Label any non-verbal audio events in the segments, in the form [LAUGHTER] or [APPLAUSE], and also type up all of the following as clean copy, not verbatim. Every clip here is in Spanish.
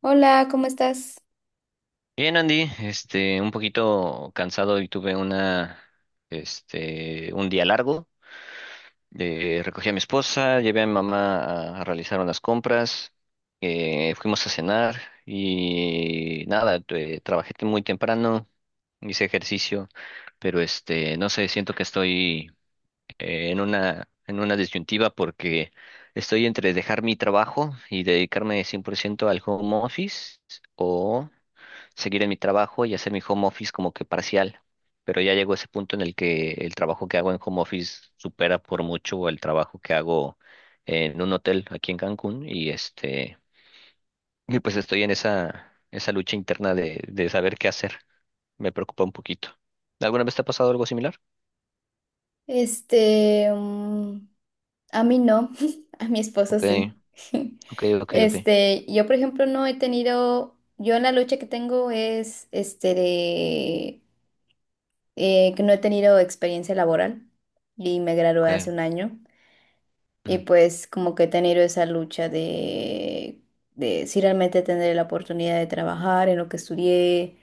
Hola, ¿cómo estás? Bien, Andy, un poquito cansado y tuve un día largo. Recogí a mi esposa, llevé a mi mamá a realizar unas compras, fuimos a cenar y nada, trabajé muy temprano, hice ejercicio, pero no sé, siento que estoy en una disyuntiva porque estoy entre dejar mi trabajo y dedicarme 100% al home office o seguir en mi trabajo y hacer mi home office como que parcial. Pero ya llegó ese punto en el que el trabajo que hago en home office supera por mucho el trabajo que hago en un hotel aquí en Cancún y pues estoy en esa lucha interna de saber qué hacer. Me preocupa un poquito. ¿Alguna vez te ha pasado algo similar? Este, mm, a mí no, [LAUGHS] a mi esposo Ok, sí. [LAUGHS] ok, ok, ok, Yo por ejemplo no he tenido, yo en la lucha que tengo es, que no he tenido experiencia laboral y me gradué hace ok. un año y Ujú. pues como que he tenido esa lucha de si realmente tendré la oportunidad de trabajar en lo que estudié,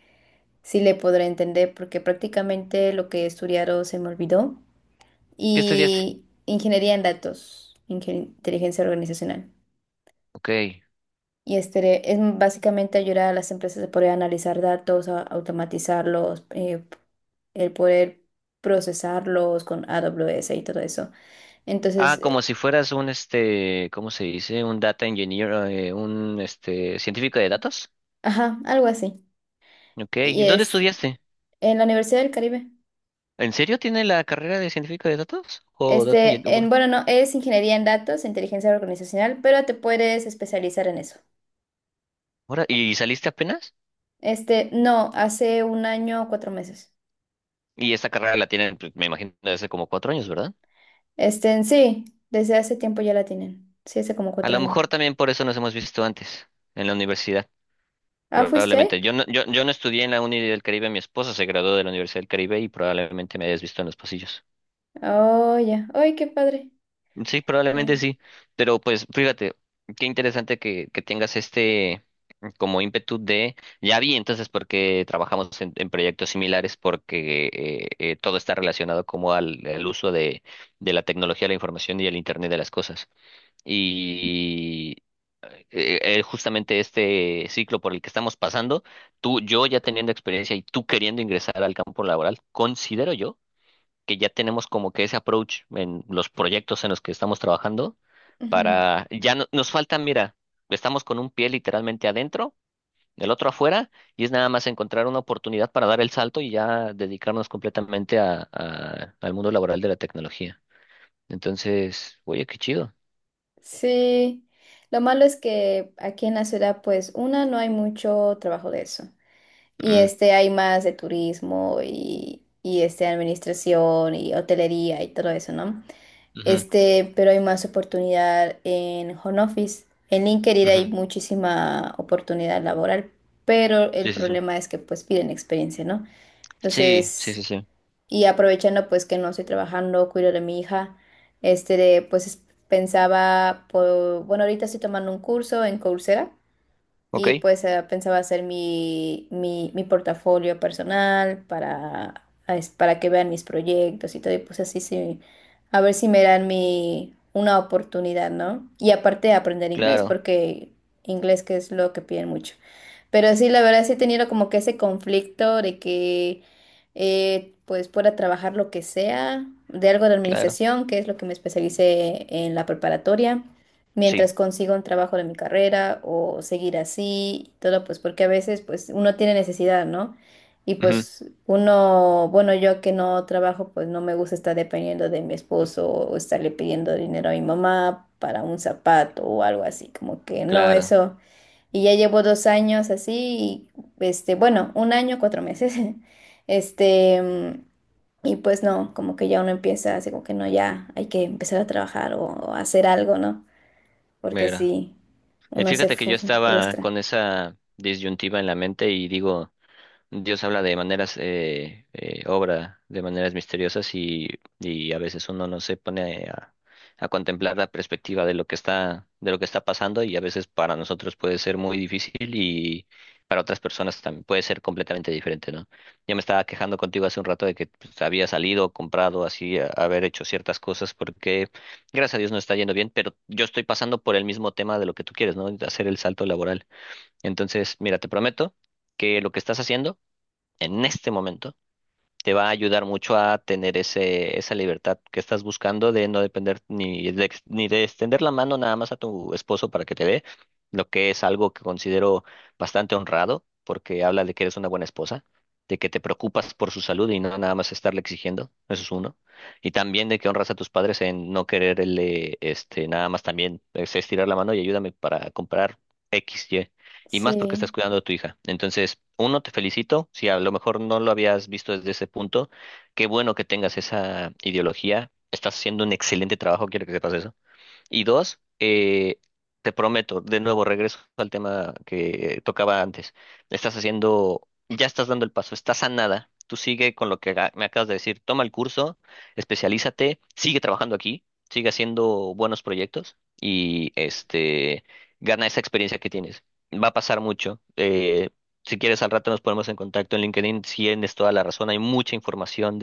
si le podré entender porque prácticamente lo que he estudiado se me olvidó. ¿Qué estudiaste? Y ingeniería en datos, inteligencia organizacional. Ok. Y este es básicamente ayudar a las empresas a poder analizar datos, a automatizarlos, el poder procesarlos con AWS y todo eso. Ah, Entonces, como si fueras ¿cómo se dice? Un data engineer, científico de datos. ajá, algo así. Ok, ¿y Y ¿dónde es estudiaste? en la Universidad del Caribe. ¿En serio tiene la carrera de científico de datos? ¿O data engineer? Bueno, Bueno, no, es ingeniería en datos, inteligencia organizacional, pero te puedes especializar en eso. ahora, ¿y saliste apenas? No, hace un año o cuatro meses. Y esta carrera la tienen, pues, me imagino, desde hace como 4 años, ¿verdad? En sí, desde hace tiempo ya la tienen. Sí, hace como A cuatro lo años. mejor también por eso nos hemos visto antes, en la universidad, Ah, ¿fuiste probablemente. ahí? Yo no estudié en la Uni del Caribe, mi esposa se graduó de la Universidad del Caribe y probablemente me hayas visto en los pasillos. Oh, ya. ¡Ay, qué padre! Sí, probablemente Eh, sí, pero pues fíjate, qué interesante que tengas este... como ímpetu de, ya vi entonces porque trabajamos en proyectos similares, porque todo está relacionado como al uso de la tecnología, la información y el Internet de las cosas. Y justamente este ciclo por el que estamos pasando, tú, yo ya teniendo experiencia y tú queriendo ingresar al campo laboral, considero yo que ya tenemos como que ese approach en los proyectos en los que estamos trabajando ujú. para, nos falta, mira, estamos con un pie literalmente adentro el otro afuera, y es nada más encontrar una oportunidad para dar el salto y ya dedicarnos completamente al mundo laboral de la tecnología. Entonces, oye, qué chido. Sí. Lo malo es que aquí en la ciudad, pues, una, no hay mucho trabajo de eso. Y Mm, hay más de turismo y, administración y hotelería y todo eso, ¿no? ujú, Pero hay más oportunidad en home office. En LinkedIn hay ujú. muchísima oportunidad laboral, pero el Sí, sí, sí. problema es que pues piden experiencia, ¿no? Sí, sí, Entonces, sí, sí. y aprovechando pues que no estoy trabajando, cuido de mi hija, este, de, pues es- pensaba, bueno, ahorita estoy tomando un curso en Coursera Ok, y pues pensaba hacer mi portafolio personal para, para que vean mis proyectos y todo, y pues así sí, a ver si me dan mi, una oportunidad, ¿no? Y aparte aprender inglés, claro, porque inglés que es lo que piden mucho. Pero sí, la verdad sí he tenido como que ese conflicto de que pues pueda trabajar lo que sea, de algo de claro. administración, que es lo que me especialicé en la preparatoria, Sí, mientras consigo un trabajo de mi carrera o seguir así, y todo pues porque a veces pues uno tiene necesidad, ¿no? Y ujú, pues uno, bueno, yo que no trabajo, pues no me gusta estar dependiendo de mi esposo o estarle pidiendo dinero a mi mamá para un zapato o algo así, como que no, claro. eso. Y ya llevo dos años así, y, bueno, un año, cuatro meses. [LAUGHS] Este, mm, y pues no, como que ya uno empieza así como que no, ya hay que empezar a trabajar o hacer algo, ¿no? Porque Mira. sí, uno se Fíjate que fu- yo estaba frustra. con esa disyuntiva en la mente y digo. Dios habla de maneras, obra de maneras misteriosas y a veces uno no se pone a contemplar la perspectiva de de lo que está pasando y a veces para nosotros puede ser muy difícil y para otras personas también puede ser completamente diferente, ¿no? Yo me estaba quejando contigo hace un rato de que pues, había salido, comprado, así, haber hecho ciertas cosas porque gracias a Dios no está yendo bien, pero yo estoy pasando por el mismo tema de lo que tú quieres, ¿no? De hacer el salto laboral. Entonces, mira, te prometo que lo que estás haciendo en este momento te va a ayudar mucho a tener esa libertad que estás buscando de no depender ni de extender la mano nada más a tu esposo para que te dé, lo que es algo que considero bastante honrado, porque habla de que eres una buena esposa, de que te preocupas por su salud y no nada más estarle exigiendo, eso es uno, y también de que honras a tus padres en no quererle, nada más también es estirar la mano y ayúdame para comprar. X, y más porque estás Sí, cuidando a tu hija. Entonces, uno, te felicito, si a lo mejor no lo habías visto desde ese punto, qué bueno que tengas esa ideología, estás haciendo un excelente trabajo, quiero que sepas eso. Y dos, te prometo, de nuevo regreso al tema que tocaba antes. Estás haciendo, ya estás dando el paso, estás a nada. Tú sigue con lo que me acabas de decir. Toma el curso, especialízate, sigue trabajando aquí, sigue haciendo buenos proyectos gana esa experiencia que tienes. Va a pasar mucho. Si quieres, al rato nos ponemos en contacto en LinkedIn. Si tienes toda la razón, hay mucha información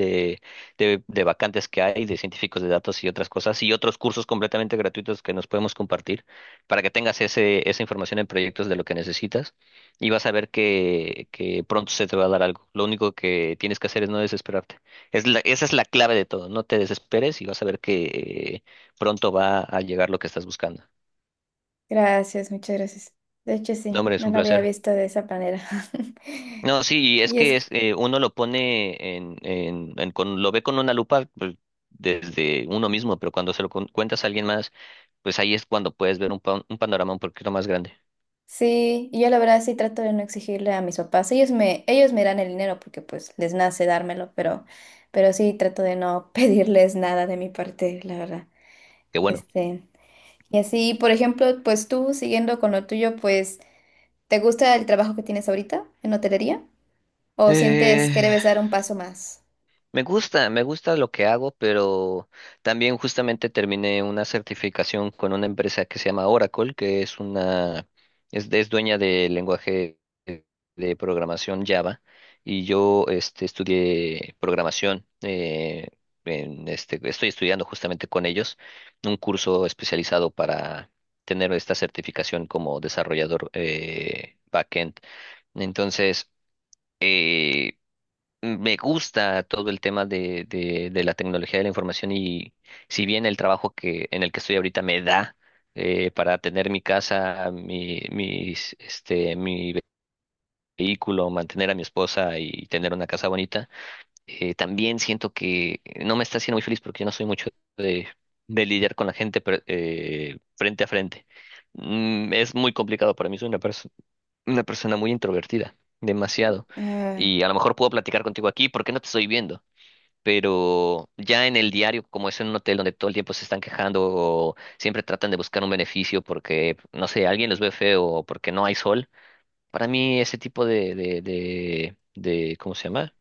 de vacantes que hay, de científicos de datos y otras cosas, y otros cursos completamente gratuitos que nos podemos compartir para que tengas esa información en proyectos de lo que necesitas y vas a ver que pronto se te va a dar algo. Lo único que tienes que hacer es no desesperarte. Esa es la clave de todo, no te desesperes y vas a ver que eh, pronto va a llegar lo que estás buscando. gracias, muchas gracias. De hecho, No, sí, hombre, es no un lo había placer. visto de esa manera. [LAUGHS] No, sí, y es Y es que es, uno lo pone lo ve con una lupa pues, desde uno mismo, pero cuando se lo cuentas a alguien más, pues ahí es cuando puedes ver un panorama un poquito más grande. Sí, y yo la verdad sí trato de no exigirle a mis papás. Ellos me dan el dinero porque pues les nace dármelo, pero sí trato de no [LAUGHS] pedirles nada de mi parte, la verdad. Qué bueno. Este, y así, por ejemplo, pues tú siguiendo con lo tuyo, pues, ¿te gusta el trabajo que tienes ahorita en hotelería? ¿O sientes Eh, que debes dar un paso más? me gusta, me gusta lo que hago, pero también justamente terminé una certificación con una empresa que se llama Oracle, que es es dueña del lenguaje de programación Java, y yo estudié programación, estoy estudiando justamente con ellos un curso especializado para tener esta certificación como desarrollador backend. Entonces, eh, me gusta todo el tema de la tecnología de la información y si bien el trabajo que en el que estoy ahorita me da para tener mi casa, mi vehículo, mantener a mi esposa y tener una casa bonita, también siento que no me está haciendo muy feliz porque yo no soy mucho de, de lidiar con la gente pero, frente a frente. Mm, es muy complicado para mí, soy una persona muy introvertida, demasiado. Ah, Y a lo mejor puedo platicar contigo aquí porque no te estoy viendo pero ya en el diario, como es en un hotel donde todo el tiempo se están quejando o siempre tratan de buscar un beneficio porque, no sé, alguien los ve feo o porque no hay sol, para mí ese tipo ¿cómo se llama?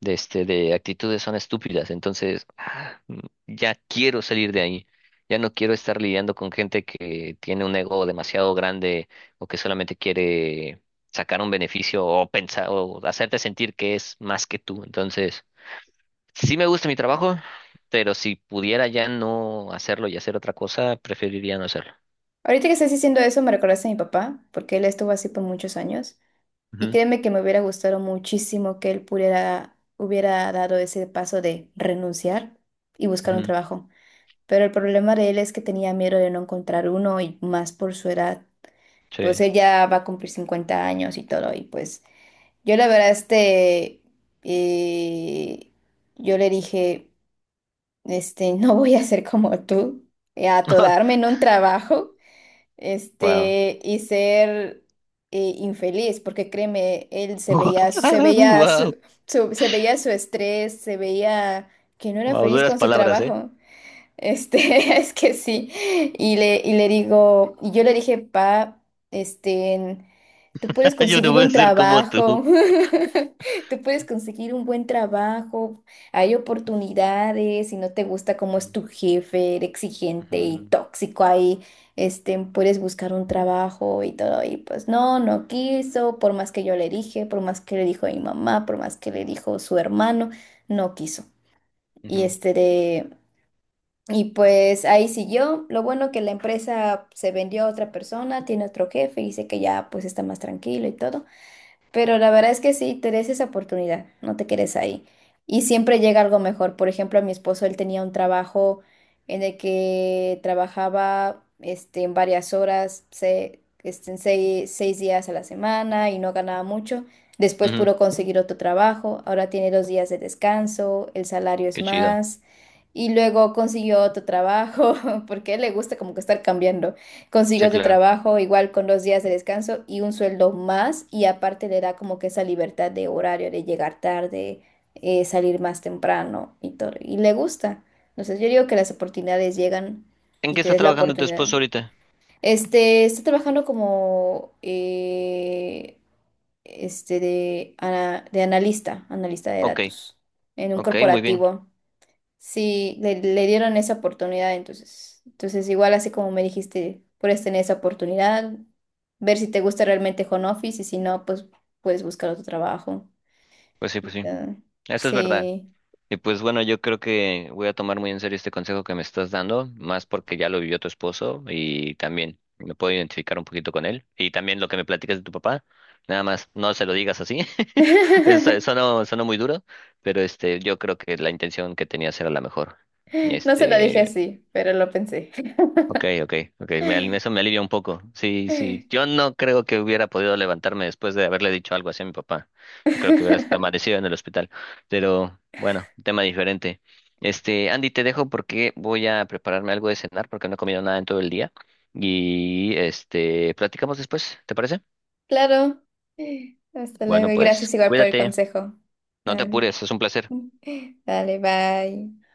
De actitudes son estúpidas. Entonces, ya quiero salir de ahí. Ya no quiero estar lidiando con gente que tiene un ego demasiado grande o que solamente quiere sacar un beneficio o pensar o hacerte sentir que es más que tú. Entonces, sí me gusta mi trabajo, pero si pudiera ya no hacerlo y hacer otra cosa, preferiría no hacerlo. ahorita que estás diciendo eso, me recordaste a mi papá, porque él estuvo así por muchos años. Y Ujú, créeme que me hubiera gustado muchísimo que él pudiera, hubiera dado ese paso de renunciar y buscar un ujú, trabajo. Pero el problema de él es que tenía miedo de no encontrar uno y más por su edad. Pues sí. él ya va a cumplir 50 años y todo. Y pues yo la verdad, eh, yo le dije, [LAUGHS] no voy a ser como tú, a atodarme [LAUGHS] en un trabajo Wow. Y ser infeliz, porque créeme, Wow. Se veía Wow, su, se veía su estrés, se veía que no era Wow. feliz duras con su palabras, ¿eh? trabajo. [LAUGHS] Es que sí. Y yo le dije, pa, este, tú puedes [LAUGHS] Yo no conseguir voy a un ser como tú. trabajo, [LAUGHS] tú puedes conseguir un buen trabajo, hay oportunidades, si no te gusta cómo es Ujú, tu jefe, era exigente y ujú, tóxico ahí, puedes buscar un trabajo y todo. Y pues no, no quiso, por más que yo le dije, por más que le dijo mi mamá, por más que le dijo su hermano, no quiso. Y ujú, este de... Y pues ahí siguió. Lo bueno que la empresa se vendió a otra persona, tiene otro jefe dice que ya pues está más tranquilo y todo. Pero la verdad es que sí, te des esa oportunidad, no te quedes ahí. Y siempre llega algo mejor. Por ejemplo, a mi esposo, él tenía un trabajo en el que trabajaba en varias horas, en seis días a la semana y no ganaba mucho. Después ujú. pudo conseguir otro trabajo, ahora tiene dos días de descanso, el salario es Qué chido. más. Y luego consiguió otro trabajo, [LAUGHS] porque a él le gusta como que estar cambiando. Consigue Sí, otro claro. trabajo igual con dos días de descanso y un sueldo más y aparte le da como que esa libertad de horario, de llegar tarde, salir más temprano y todo. Y le gusta. Entonces yo digo que las oportunidades llegan ¿En y qué te está des la trabajando tu oportunidad. esposo ahorita? Está trabajando como de analista, analista de Ok, datos en un ok, muy bien. corporativo. Sí, le dieron esa oportunidad, entonces. Entonces, igual así como me dijiste, puedes tener esa oportunidad, ver si te gusta realmente home office y si no, pues puedes buscar otro trabajo. Pues sí, pues Y sí. ya. Eso es verdad. Sí. Y pues bueno, yo creo que voy a tomar muy en serio este consejo que me estás dando, más porque ya lo vivió tu esposo y también me puedo identificar un poquito con él. Y también lo que me platicas de tu papá, nada más no se lo digas así. [LAUGHS] Eso [LAUGHS] sonó, sonó muy duro, pero yo creo que la intención que tenías era la mejor. No se lo dije este así, pero lo pensé. Ok, ok, ok, me eso me alivia un poco. Sí, sí, yo [LAUGHS] no creo que hubiera podido levantarme después de haberle dicho algo así a mi papá. Yo creo que hubiera hasta amanecido en el hospital. Pero bueno, tema diferente. Andy, te dejo porque voy a prepararme algo de cenar porque no he comido nada en todo el día. Platicamos después, ¿te parece? Claro. Hasta luego Bueno, y pues, gracias igual por el cuídate, consejo. no te Dale. apures, es un placer. [LAUGHS] Dale, bye.